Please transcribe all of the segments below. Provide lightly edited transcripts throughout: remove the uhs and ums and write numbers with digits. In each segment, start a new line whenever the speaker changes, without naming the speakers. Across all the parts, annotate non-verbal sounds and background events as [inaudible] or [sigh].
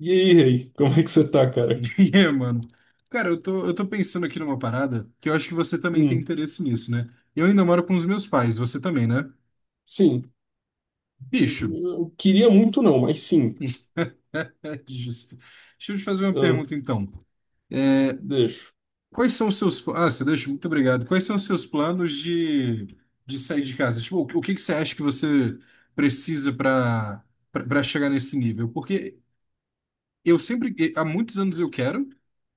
E aí, Rei, como é que você tá, cara?
[laughs] É, mano. Cara, eu tô pensando aqui numa parada que eu acho que você também tem
Hum,
interesse nisso, né? Eu ainda moro com os meus pais, você também, né?
sim,
Bicho,
eu queria muito não, mas sim.
[laughs] é justo. Deixa eu te fazer uma
Hum,
pergunta, então. É,
deixo.
Quais são os seus... Ah, você deixa? Muito obrigado. Quais são os seus planos de sair de casa? Tipo, o que que você acha que você precisa para chegar nesse nível? Porque há muitos anos eu quero,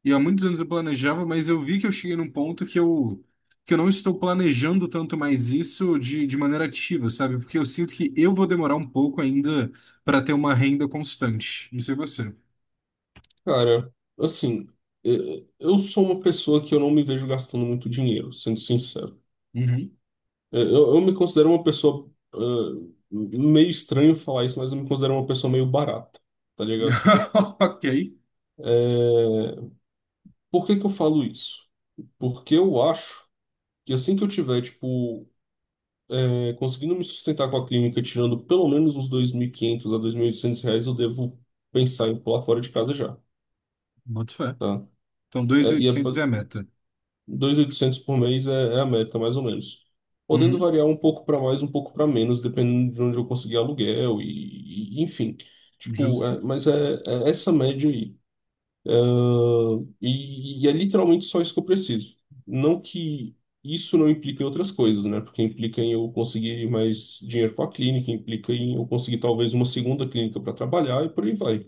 e há muitos anos eu planejava, mas eu vi que eu cheguei num ponto que eu não estou planejando tanto mais isso de maneira ativa, sabe? Porque eu sinto que eu vou demorar um pouco ainda para ter uma renda constante. Não sei você.
Cara, assim, eh, eu sou uma pessoa que eu não me vejo gastando muito dinheiro, sendo sincero.
Uhum.
Eu me considero uma pessoa, meio estranho falar isso, mas eu me considero uma pessoa meio barata, tá ligado?
[laughs] Ok.
Eh, por que que eu falo isso? Porque eu acho que assim que eu tiver, tipo, conseguindo me sustentar com a clínica, tirando pelo menos uns 2.500 a R$ 2.800, eu devo pensar em pular fora de casa já,
Boto fé.
tá?
Então,
É, e é,
2.800
ba-
é a meta.
2.800 por mês é a meta, mais ou menos. Podendo
Uhum.
variar um pouco para mais, um pouco para menos, dependendo de onde eu conseguir aluguel enfim. Tipo,
Justo.
é, mas é essa média aí. E é literalmente só isso que eu preciso. Não que isso não implique em outras coisas, né? Porque implica em eu conseguir mais dinheiro para a clínica, implica em eu conseguir talvez uma segunda clínica para trabalhar e por aí vai.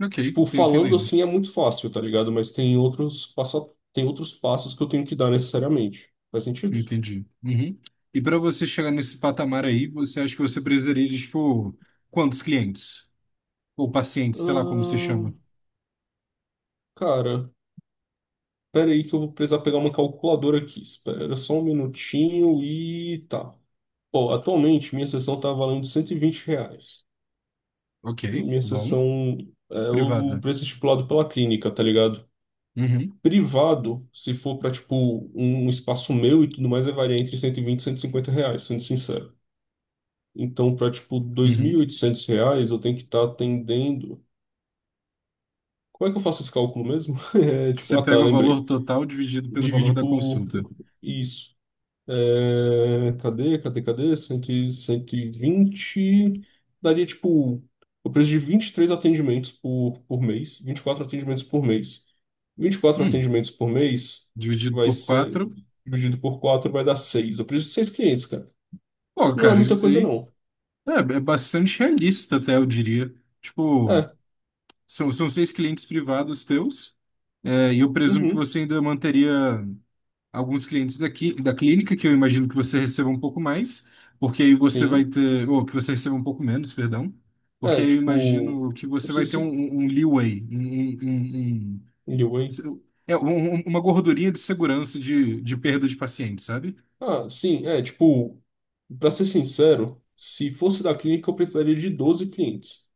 Ok,
Tipo,
tô
falando
entendendo.
assim é muito fácil, tá ligado? Mas tem outros passa... tem outros passos que eu tenho que dar necessariamente. Faz sentido?
Entendi. Uhum. E para você chegar nesse patamar aí, você acha que você precisaria de, tipo, quantos clientes? Ou paciente, sei lá como se
Ahn,
chama.
cara, pera aí que eu vou precisar pegar uma calculadora aqui. Espera só um minutinho e tá. Bom, atualmente minha sessão está valendo R$ 120.
Ok,
Minha
bom.
sessão é o
Privada.
preço estipulado pela clínica, tá ligado?
Uhum,
Privado, se for para tipo um espaço meu e tudo mais, vai variar entre R$ 120 e R$ 150, sendo sincero. Então, para tipo dois mil e
uhum.
oitocentos reais, eu tenho que estar atendendo. Como é que eu faço esse cálculo mesmo? [laughs] É, tipo,
Você
ah tá,
pega o valor
lembrei.
total dividido pelo valor
Divide
da
por
consulta.
isso. É, cadê, cadê, cadê? 120. Daria, tipo, o preço de 23 atendimentos por mês. 24 atendimentos por mês. Vinte e quatro
Hum,
atendimentos por mês
dividido
vai
por
ser
quatro.
Dividido por 4 vai dar seis. O preço de 6 clientes, cara.
Pô,
Não é
cara,
muita
isso
coisa,
aí
não.
é bastante realista, até eu diria. Tipo,
É,
são seis clientes privados teus, e eu presumo que
uhum,
você ainda manteria. Alguns clientes daqui, da clínica, que eu imagino que você receba um pouco mais, porque aí você vai
sim.
ter, ou que você receba um pouco menos, perdão, porque
É,
aí eu
tipo.
imagino que você vai
Se,
ter um,
se,
um um leeway,
anyway.
um- uma gordurinha de segurança de perda de paciente, sabe?
Ah, sim, é, tipo. Pra ser sincero, se fosse da clínica, eu precisaria de 12 clientes.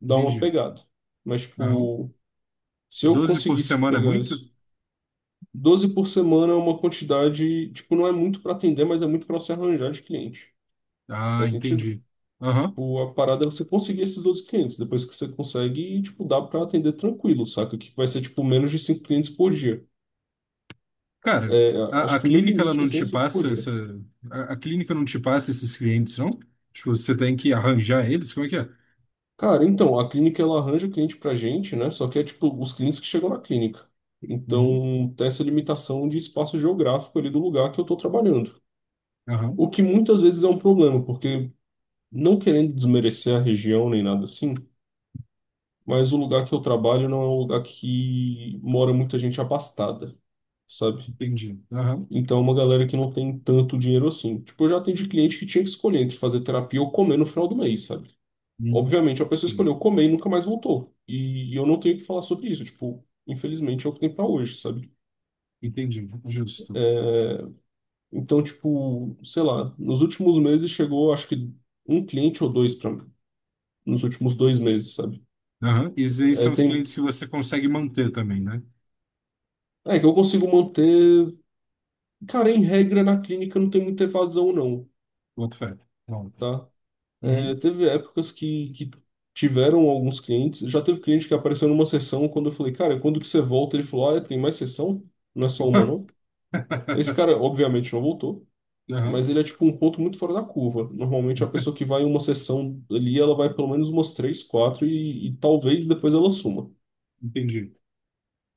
Dá uma
Entendi.
pegada. Mas,
Aham.
tipo, se eu
12 por
conseguisse
semana é
pegar
muito?
isso, 12 por semana é uma quantidade, tipo, não é muito para atender, mas é muito para você arranjar de cliente.
Ah,
Faz sentido?
entendi. Aham.
Tipo, a parada é você conseguir esses 12 clientes. Depois que você consegue, tipo, dá para atender tranquilo, saca? Que vai ser, tipo, menos de 5 clientes por dia.
Cara,
É,
a,
acho
a
que o meu
clínica ela
limite,
não
assim,
te
é 5 por
passa essa.
dia.
A clínica não te passa esses clientes, não? Tipo, você tem que arranjar eles? Como é que é?
Cara, então, a clínica, ela arranja cliente pra gente, né? Só que é, tipo, os clientes que chegam na clínica.
Uhum.
Então, tem essa limitação de espaço geográfico ali do lugar que eu tô trabalhando.
Aham.
O que muitas vezes é um problema, porque não querendo desmerecer a região nem nada assim, mas o lugar que eu trabalho não é um lugar que mora muita gente abastada, sabe?
Entendi. Aham.
Então é uma galera que não tem tanto dinheiro assim. Tipo, eu já atendi cliente que tinha que escolher entre fazer terapia ou comer no final do mês, sabe?
Hum,
Obviamente a pessoa
ok.
escolheu comer e nunca mais voltou. E eu não tenho o que falar sobre isso, tipo, infelizmente é o que tem pra hoje, sabe?
Entendi. Justo.
É, então, tipo, sei lá, nos últimos meses chegou, acho que um cliente ou dois pra nos últimos dois meses, sabe?
Aham. E esses aí
É,
são os
tem...
clientes que você consegue manter também, né?
é que eu consigo manter. Cara, em regra, na clínica não tem muita evasão, não,
Boto fé. Bom.
tá? É,
Uhum.
teve épocas que tiveram alguns clientes. Já teve cliente que apareceu numa sessão quando eu falei, cara, quando que você volta? Ele falou, ah, tem mais sessão? Não é só uma, não? Esse cara,
[laughs]
obviamente, não voltou.
Aham.
Mas ele é tipo um ponto muito fora da curva. Normalmente a pessoa que vai em uma sessão ali, ela vai pelo menos umas três, quatro e talvez depois ela suma,
Entendi.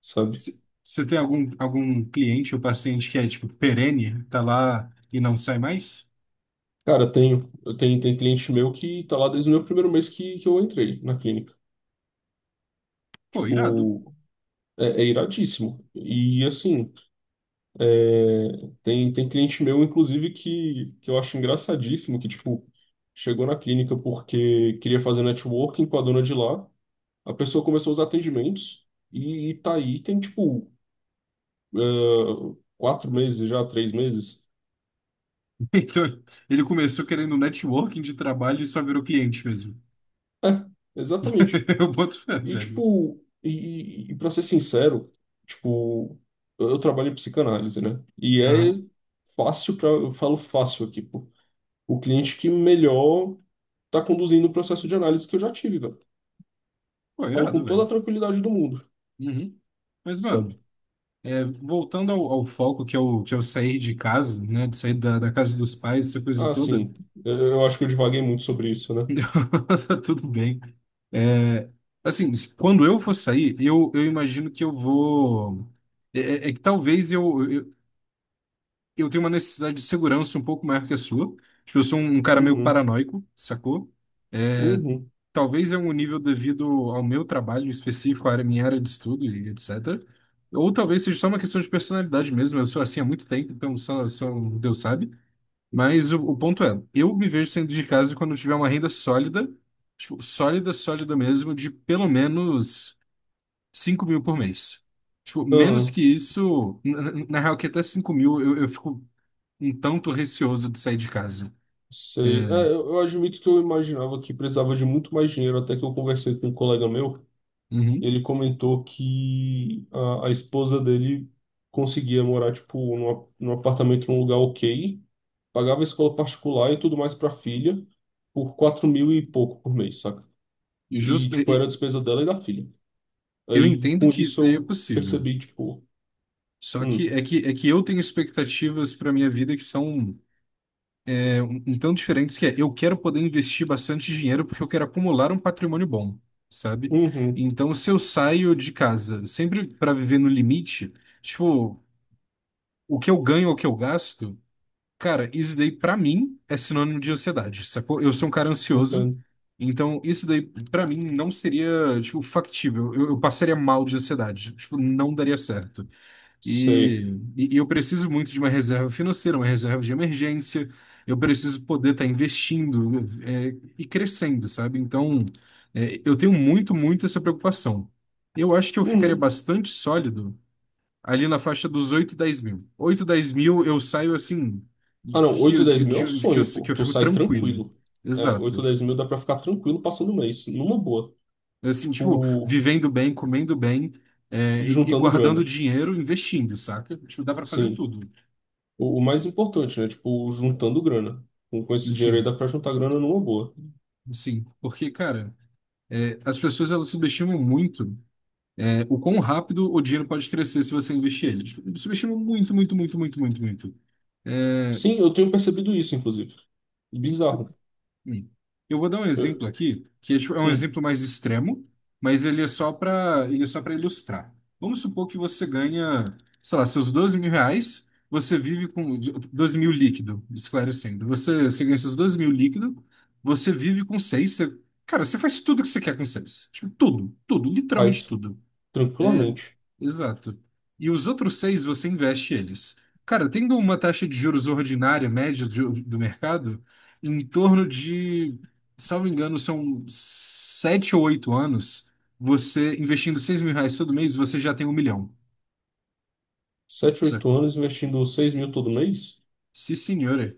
sabe?
Você tem algum cliente ou paciente que é, tipo, perene, tá lá e não sai mais?
Cara, eu tenho tem cliente meu que tá lá desde o meu primeiro mês que eu entrei na clínica.
Pô, irado.
Tipo,
[laughs]
é iradíssimo. E assim, é, tem cliente meu, inclusive, que eu acho engraçadíssimo, que, tipo, chegou na clínica porque queria fazer networking com a dona de lá. A pessoa começou os atendimentos e tá aí, tem, tipo, é, 4 meses já, 3 meses.
Então, ele começou querendo networking de trabalho e só virou cliente mesmo.
É, exatamente.
[laughs] Eu boto fé,
E,
velho.
tipo, e pra ser sincero, tipo, eu trabalho em psicanálise, né? E é
Aham.
fácil para, eu falo fácil aqui, pô. O cliente que melhor tá conduzindo o processo de análise que eu já tive, velho.
Pô,
Falo
irado,
com toda
velho.
a tranquilidade do mundo,
Uhum. Mas, mano.
sabe?
Voltando ao foco que é o que é sair de casa, né, de sair da casa dos pais, essa coisa
Ah,
toda,
sim. Eu acho que eu divaguei muito sobre isso, né?
[laughs] tá tudo bem. É, assim, quando eu for sair, eu imagino que eu vou. É que talvez eu tenha uma necessidade de segurança um pouco maior que a sua. Tipo, eu sou um cara meio
Uhum,
paranoico, sacou? É,
uhum,
Talvez é um nível devido ao meu trabalho específico, minha área de estudo e etc. Ou talvez seja só uma questão de personalidade mesmo. Eu sou assim há muito tempo, então só Deus sabe. Mas o ponto é, eu me vejo saindo de casa quando eu tiver uma renda sólida, tipo, sólida, sólida mesmo, de pelo menos 5.000 por mês. Tipo, menos
aham.
que isso, na real que até 5.000 eu fico um tanto receoso de sair de casa.
Sei. É, eu admito que eu imaginava que precisava de muito mais dinheiro até que eu conversei com um colega meu.
Uhum.
Ele comentou que a esposa dele conseguia morar, tipo, num apartamento num lugar ok, pagava escola particular e tudo mais para a filha por 4 mil e pouco por mês, saca?
E
E,
justo,
tipo, era a despesa dela e da filha.
eu
Aí,
entendo
com
que isso
isso,
daí é
eu
possível.
percebi, tipo,
Só que
hum,
é que eu tenho expectativas para minha vida que são então, diferentes que é, eu quero poder investir bastante dinheiro porque eu quero acumular um patrimônio bom, sabe?
uhum,
Então, se eu saio de casa sempre para viver no limite, tipo, o que eu ganho ou o que eu gasto, cara, isso daí pra mim é sinônimo de ansiedade, sacou? Eu sou um cara ansioso,
entendo,
então isso daí pra mim não seria, tipo, factível. Eu passaria mal de ansiedade, tipo, não daria certo.
sei.
E eu preciso muito de uma reserva financeira, uma reserva de emergência. Eu preciso poder estar investindo, e crescendo, sabe? Então, eu tenho muito, muito essa preocupação. Eu acho que eu ficaria
Uhum.
bastante sólido ali na faixa dos 8 10 mil. 8 10 mil eu saio assim,
Ah, não, oito e dez mil é o sonho,
que
pô.
eu
Tu
fico
sai
tranquilo.
tranquilo. É, 8 ou
Exato.
10 mil dá pra ficar tranquilo passando o mês, numa boa.
Assim, tipo,
Tipo,
vivendo bem, comendo bem,
e
e
juntando
guardando
grana.
dinheiro, investindo, saca? Tipo, dá para fazer
Sim.
tudo.
O mais importante, né? Tipo, juntando grana. Com esse dinheiro aí
Sim.
dá pra juntar grana numa boa.
Sim, porque, cara, as pessoas elas subestimam muito o quão rápido o dinheiro pode crescer se você investir ele. Tipo, subestimam muito, muito, muito, muito, muito, muito. É,
Sim, eu tenho percebido isso, inclusive. Bizarro.
hum. Eu vou dar um
Eu,
exemplo aqui, que é um
hum,
exemplo mais extremo, mas ele é só para ilustrar. Vamos supor que você ganha, sei lá, seus 12.000 reais, você vive com 12.000 líquido, esclarecendo. Você ganha seus 12.000 líquido, você vive com seis. Cara, você faz tudo que você quer com seis. Tipo, tudo, tudo, literalmente
faz
tudo.
tranquilamente.
Exato. E os outros seis você investe eles. Cara, tendo uma taxa de juros ordinária, média do mercado, em torno de, salvo engano, são 7 ou 8 anos, você investindo 6.000 reais todo mês, você já tem um milhão,
sete, oito
sacou?
anos investindo 6 mil todo mês?
Sim, senhora.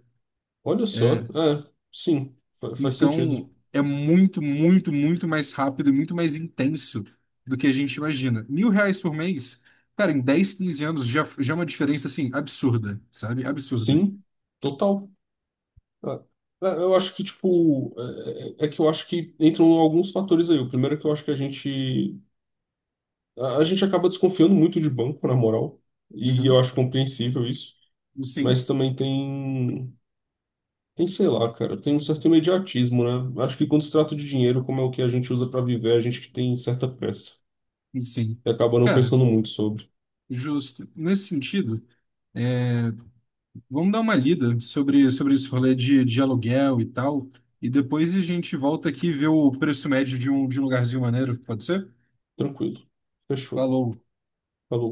Olha
É,
só.
É,
É, sim. Faz sentido.
então, é muito, muito, muito mais rápido e muito mais intenso do que a gente imagina. 1.000 reais por mês, cara, em 10 15 anos já é uma diferença, assim, absurda, sabe? Absurda.
Sim, total. É, é, eu acho que, tipo, é que eu acho que entram alguns fatores aí. O primeiro é que eu acho que a gente acaba desconfiando muito de banco, na moral. E eu
Uhum.
acho compreensível isso.
Sim,
Mas também tem, sei lá, cara, tem um certo imediatismo, né? Acho que quando se trata de dinheiro, como é o que a gente usa pra viver, a gente que tem certa pressa
sim.
e acaba não
Cara,
pensando muito sobre.
justo. Nesse sentido, é, vamos dar uma lida sobre esse rolê de aluguel e tal, e depois a gente volta aqui e vê o preço médio de um lugarzinho maneiro, pode ser?
Tranquilo. Fechou.
Falou.
Falou.